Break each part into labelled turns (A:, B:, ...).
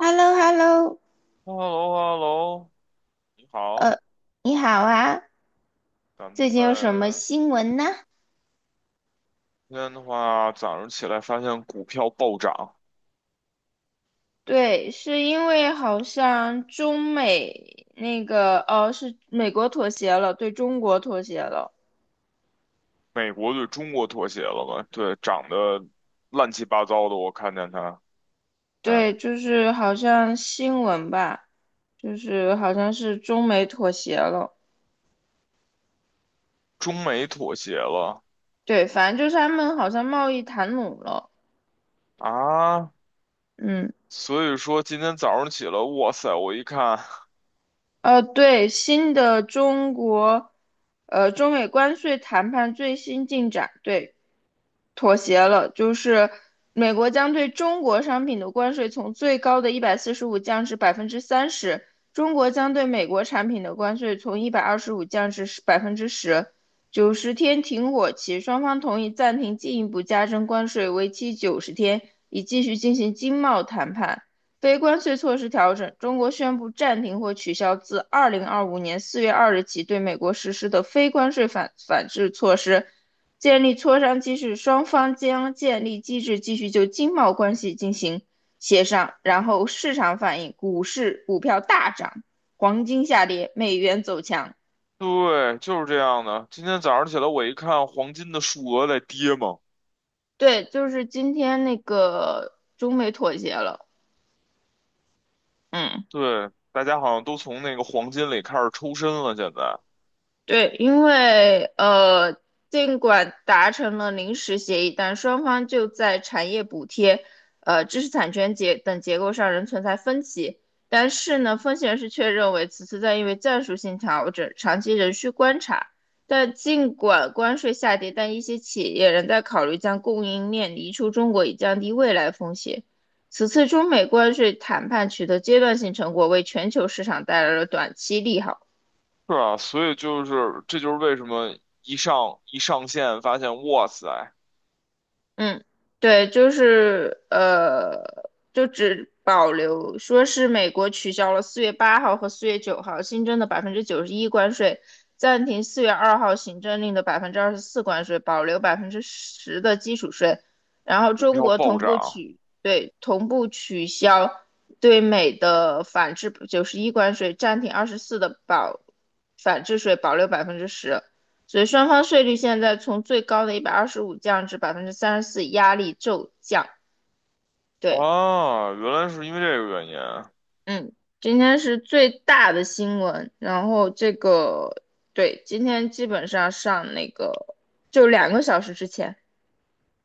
A: h e l l o h e l l o
B: h e l l o h e l l o 你好。
A: 呃，你好啊，
B: 咱
A: 最近有什么
B: 们
A: 新闻呢？
B: 今天的话，早上起来发现股票暴涨。
A: 对，是因为好像中美那个，哦，是美国妥协了，对中国妥协了。
B: 美国对中国妥协了吧？对，涨得乱七八糟的，我看见它。嗯，
A: 对，就是好像新闻吧，就是好像是中美妥协了。
B: 中美妥协了
A: 对，反正就是他们好像贸易谈拢了。
B: 啊。
A: 嗯。
B: 所以说今天早上起来，哇塞，我一看，
A: 对，新的中国，呃，中美关税谈判最新进展，对，妥协了，就是美国将对中国商品的关税从最高的145降至百分之三十，中国将对美国产品的关税从一百二十五降至百分之十，九十天停火期，双方同意暂停进一步加征关税，为期九十天，以继续进行经贸谈判。非关税措施调整，中国宣布暂停或取消自2025年4月2日起对美国实施的非关税反制措施，建立磋商机制，双方将建立机制继续就经贸关系进行协商。然后市场反应，股市股票大涨，黄金下跌，美元走强。
B: 对，就是这样的。今天早上起来，我一看黄金的数额在跌嘛。
A: 对，就是今天那个中美妥协了，嗯。
B: 对，大家好像都从那个黄金里开始抽身了，现在。
A: 对，因为尽管达成了临时协议，但双方就在产业补贴、知识产权等结构上仍存在分歧。但是呢，分析人士却认为此次在因为战术性调整，长期仍需观察。但尽管关税下跌，但一些企业仍在考虑将供应链移出中国，以降低未来风险。此次中美关税谈判取得阶段性成果，为全球市场带来了短期利好。
B: 是啊，所以就是这就是为什么一上线发现，哇塞，
A: 嗯，对，就是就只保留说是美国取消了4月8号和4月9号新增的91%关税，暂停4月2号行政令的24%关税，保留百分之十的基础税。然后
B: 股
A: 中
B: 票
A: 国
B: 暴
A: 同步
B: 涨
A: 取，对，同步取消对美的反制九十一关税，暂停二十四的保反制税，保留百分之十。所以双方税率现在从最高的一百二十五降至34%，压力骤降。对，
B: 啊，原来是因为这个原因啊。
A: 嗯，今天是最大的新闻，然后这个对，今天基本上上那个就2个小时之前，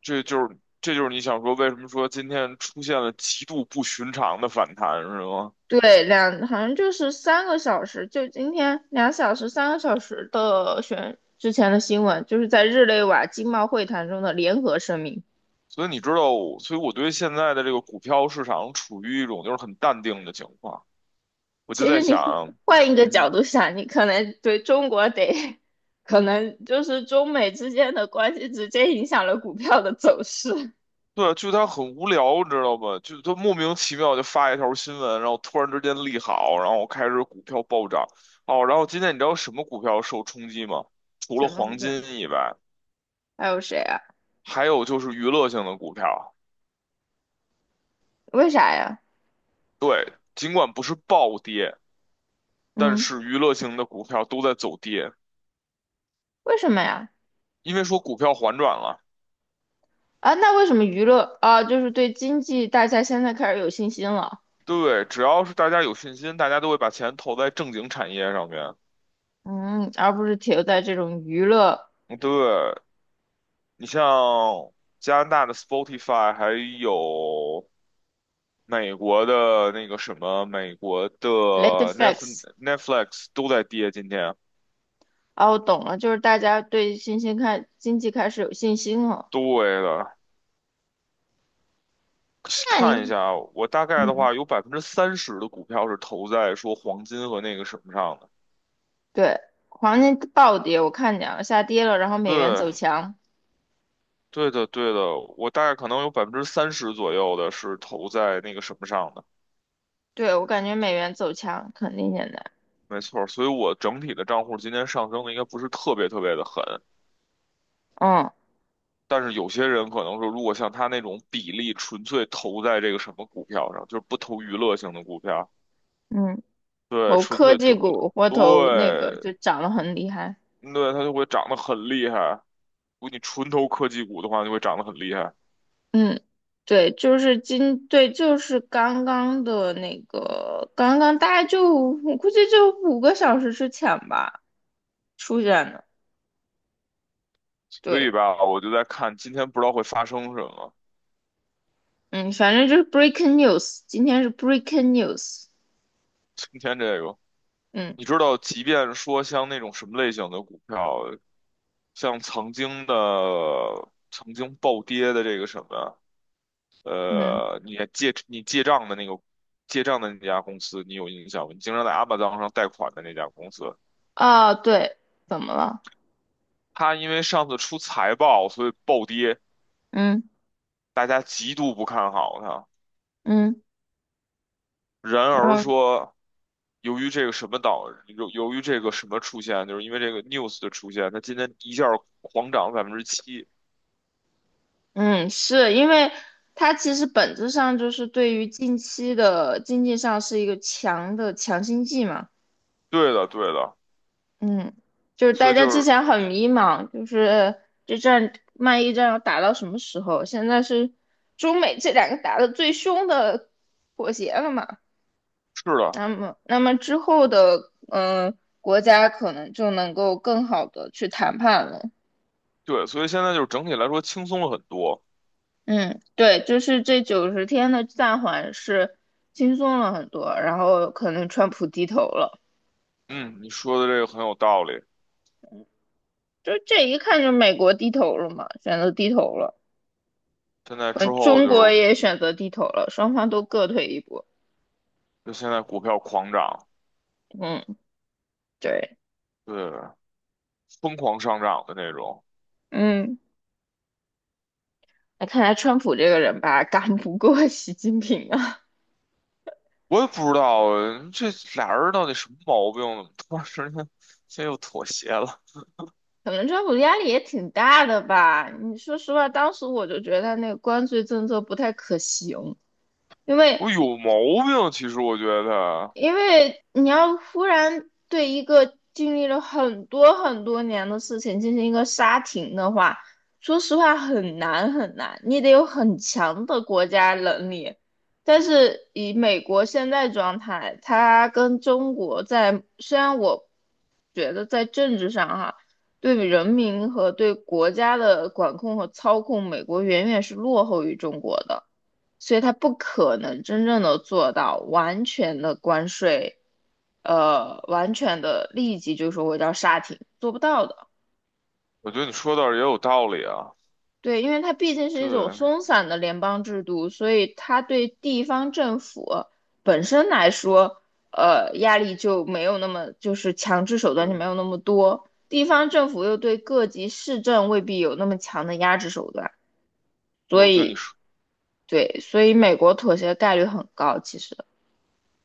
B: 这就是你想说为什么说今天出现了极度不寻常的反弹是吗？
A: 对，好像就是三个小时，就今天2小时三个小时的选之前的新闻，就是在日内瓦经贸会谈中的联合声明。
B: 所以你知道我所以我对现在的这个股票市场处于一种就是很淡定的情况，我就
A: 其
B: 在
A: 实你
B: 想。
A: 换一个
B: 嗯
A: 角
B: 哼。
A: 度想，你可能对中国得，可能就是中美之间的关系直接影响了股票的走势。
B: 对，就他很无聊，你知道吗？就他莫名其妙就发一条新闻，然后突然之间利好，然后开始股票暴涨。哦，然后今天你知道什么股票受冲击吗？除了
A: 什么
B: 黄
A: 股票？
B: 金以外，
A: 还有谁啊？
B: 还有就是娱乐性的股票。
A: 为啥呀？
B: 对，尽管不是暴跌，但
A: 嗯，
B: 是娱乐性的股票都在走跌，
A: 为什么呀？
B: 因为说股票反转了。
A: 啊，那为什么娱乐啊，就是对经济大家现在开始有信心了，
B: 对，只要是大家有信心，大家都会把钱投在正经产业上面。
A: 嗯，而不是停留在这种娱乐
B: 对，你像加拿大的 Spotify，还有。美国的那个什么，美国的
A: late
B: Netf
A: facts。
B: Netflix 都在跌，今天。
A: 哦，我懂了，就是大家对新兴开经济开始有信心了。
B: 对的。
A: 那你，
B: 看一下，我大概的
A: 嗯。
B: 话有百分之三十的股票是投在说黄金和那个什么上的。
A: 对，黄金暴跌，我看见了，下跌了，然后美元
B: 对，
A: 走强。
B: 对的，对的，我大概可能有百分之三十左右的是投在那个什么上的。
A: 对，我感觉美元走强肯定现在，
B: 没错儿，所以我整体的账户今天上升的应该不是特别特别的狠。
A: 嗯
B: 但是有些人可能说，如果像他那种比例纯粹投在这个什么股票上，就是不投娱乐性的股票。
A: 嗯，
B: 对，
A: 投
B: 纯
A: 科
B: 粹
A: 技
B: 投，
A: 股或投那个就
B: 对，
A: 涨得很厉害。
B: 对，它就会涨得很厉害。如果你纯投科技股的话，就会长得很厉害。
A: 嗯，对，就是对，就是刚刚的那个，刚刚大概就我估计就5个小时之前吧出现的。
B: 所以
A: 对，
B: 吧，我就在看今天不知道会发生什么。
A: 嗯，反正就是 breaking news，今天是 breaking news。
B: 今天这个，
A: 嗯
B: 你知道，即便说像那种什么类型的股票，像曾经暴跌的这个什么，
A: 嗯，
B: 呃，你借你借账的那个借账的那家公司，你有印象吗？你经常在阿 m a z 上贷款的那家公司。
A: 啊，对，怎么了？
B: 它因为上次出财报，所以暴跌。
A: 嗯
B: 大家极度不看好它。
A: 嗯。
B: 然
A: 然
B: 而
A: 后，
B: 说，由于这个什么出现，就是因为这个 news 的出现，它今天一下儿狂涨7%。
A: 嗯，是因为它其实本质上就是对于近期的经济上是一个强心剂嘛，
B: 对的，对的，
A: 嗯，就是
B: 所
A: 大
B: 以
A: 家
B: 就
A: 之
B: 是
A: 前很迷茫，就是贸易战要打到什么时候？现在是中美这两个打得最凶的妥协了嘛，
B: 是的，
A: 那么之后的国家可能就能够更好的去谈判了，
B: 对，所以现在就是整体来说轻松了很多。
A: 嗯，对，就是这九十天的暂缓是轻松了很多，然后可能川普低头了，
B: 嗯，你说的这个很有道理。
A: 就这一看就美国低头了嘛，选择低头了，
B: 现在之
A: 嗯，
B: 后
A: 中
B: 就
A: 国
B: 是
A: 也选择低头了，双方都各退一步。
B: 就现在股票狂涨，
A: 嗯，对，
B: 对，疯狂上涨的那种。
A: 嗯，那看来川普这个人吧，干不过习近平啊，
B: 我也不知道这俩人到底什么毛病，怎么突然之间现在又妥协了。
A: 可能川普压力也挺大的吧。你说实话，当时我就觉得他那个关税政策不太可行。因为
B: 我有毛病，其实我觉得，
A: 因为你要忽然对一个经历了很多很多年的事情进行一个刹停的话，说实话很难很难，你得有很强的国家能力。但是以美国现在状态，它跟中国在，虽然我觉得在政治上哈，对人民和对国家的管控和操控，美国远远是落后于中国的。所以它不可能真正的做到完全的关税，完全的立即就说我要刹停，做不到的。
B: 我觉得你说的也有道理啊。
A: 对，因为它毕竟是
B: 对，
A: 一种松散的联邦制度，所以它对地方政府本身来说，压力就没有那么，就是强制手段就
B: 嗯，
A: 没有那么多。地方政府又对各级市政未必有那么强的压制手段，
B: 对，
A: 所
B: 我觉得你
A: 以
B: 说，
A: 对，所以美国妥协概率很高，其实。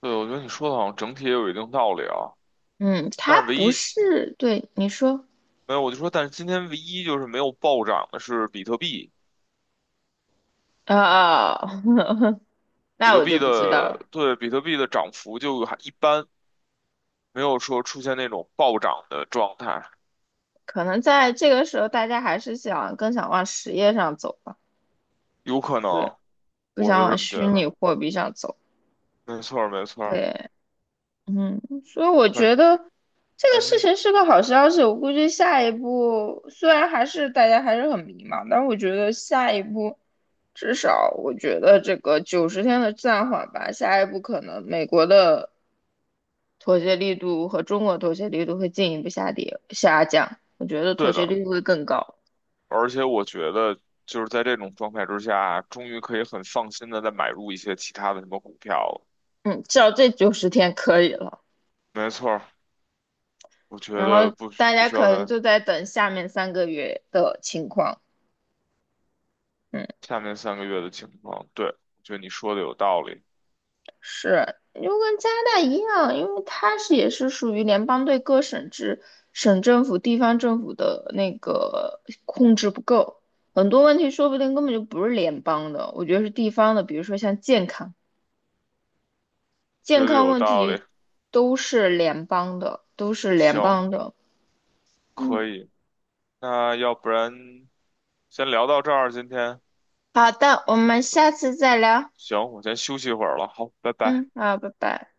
B: 对，我觉得你说的好像整体也有一定道理啊。
A: 嗯，
B: 但
A: 他
B: 是唯
A: 不
B: 一
A: 是，对，你说，
B: 没有，我就说，但是今天唯一就是没有暴涨的是比特币。
A: 啊？
B: 比
A: 那
B: 特
A: 我
B: 币
A: 就不知道了。
B: 的，对，比特币的涨幅就还一般，没有说出现那种暴涨的状态。
A: 可能在这个时候，大家还是想更想往实业上走吧，
B: 有可
A: 对，
B: 能，
A: 不
B: 我
A: 想
B: 是
A: 往
B: 这么觉
A: 虚
B: 得。
A: 拟货币上走。
B: 没错儿，没错儿。
A: 对，嗯，所以我觉
B: 反
A: 得这个
B: 嗯
A: 事
B: 哼。
A: 情是个好消息。我估计下一步虽然还是大家还是很迷茫，但是我觉得下一步至少我觉得这个九十天的暂缓吧，下一步可能美国的妥协力度和中国妥协力度会进一步下降。我觉得妥
B: 对
A: 协
B: 的。
A: 力度会更高。
B: 而且我觉得就是在这种状态之下啊，终于可以很放心的再买入一些其他的什么股票了。
A: 嗯，至少这九十天可以了。
B: 没错儿，我觉
A: 然
B: 得
A: 后
B: 不需
A: 大
B: 不
A: 家
B: 需要
A: 可能
B: 在
A: 就在等下面3个月的情况。嗯。
B: 下面3个月的情况。对，我觉得你说的有道理。
A: 是，就跟加拿大一样，因为它是也是属于联邦对各省制、省政府、地方政府的那个控制不够，很多问题说不定根本就不是联邦的，我觉得是地方的，比如说像健康，
B: 觉
A: 健
B: 得
A: 康
B: 有
A: 问
B: 道理。
A: 题都是联邦的，都是联
B: 行，
A: 邦的。
B: 可
A: 嗯，
B: 以。那要不然先聊到这儿，今天。
A: 好的，我们下次再聊。
B: 行，我先休息一会儿了。好，拜拜。
A: 嗯，好，拜拜。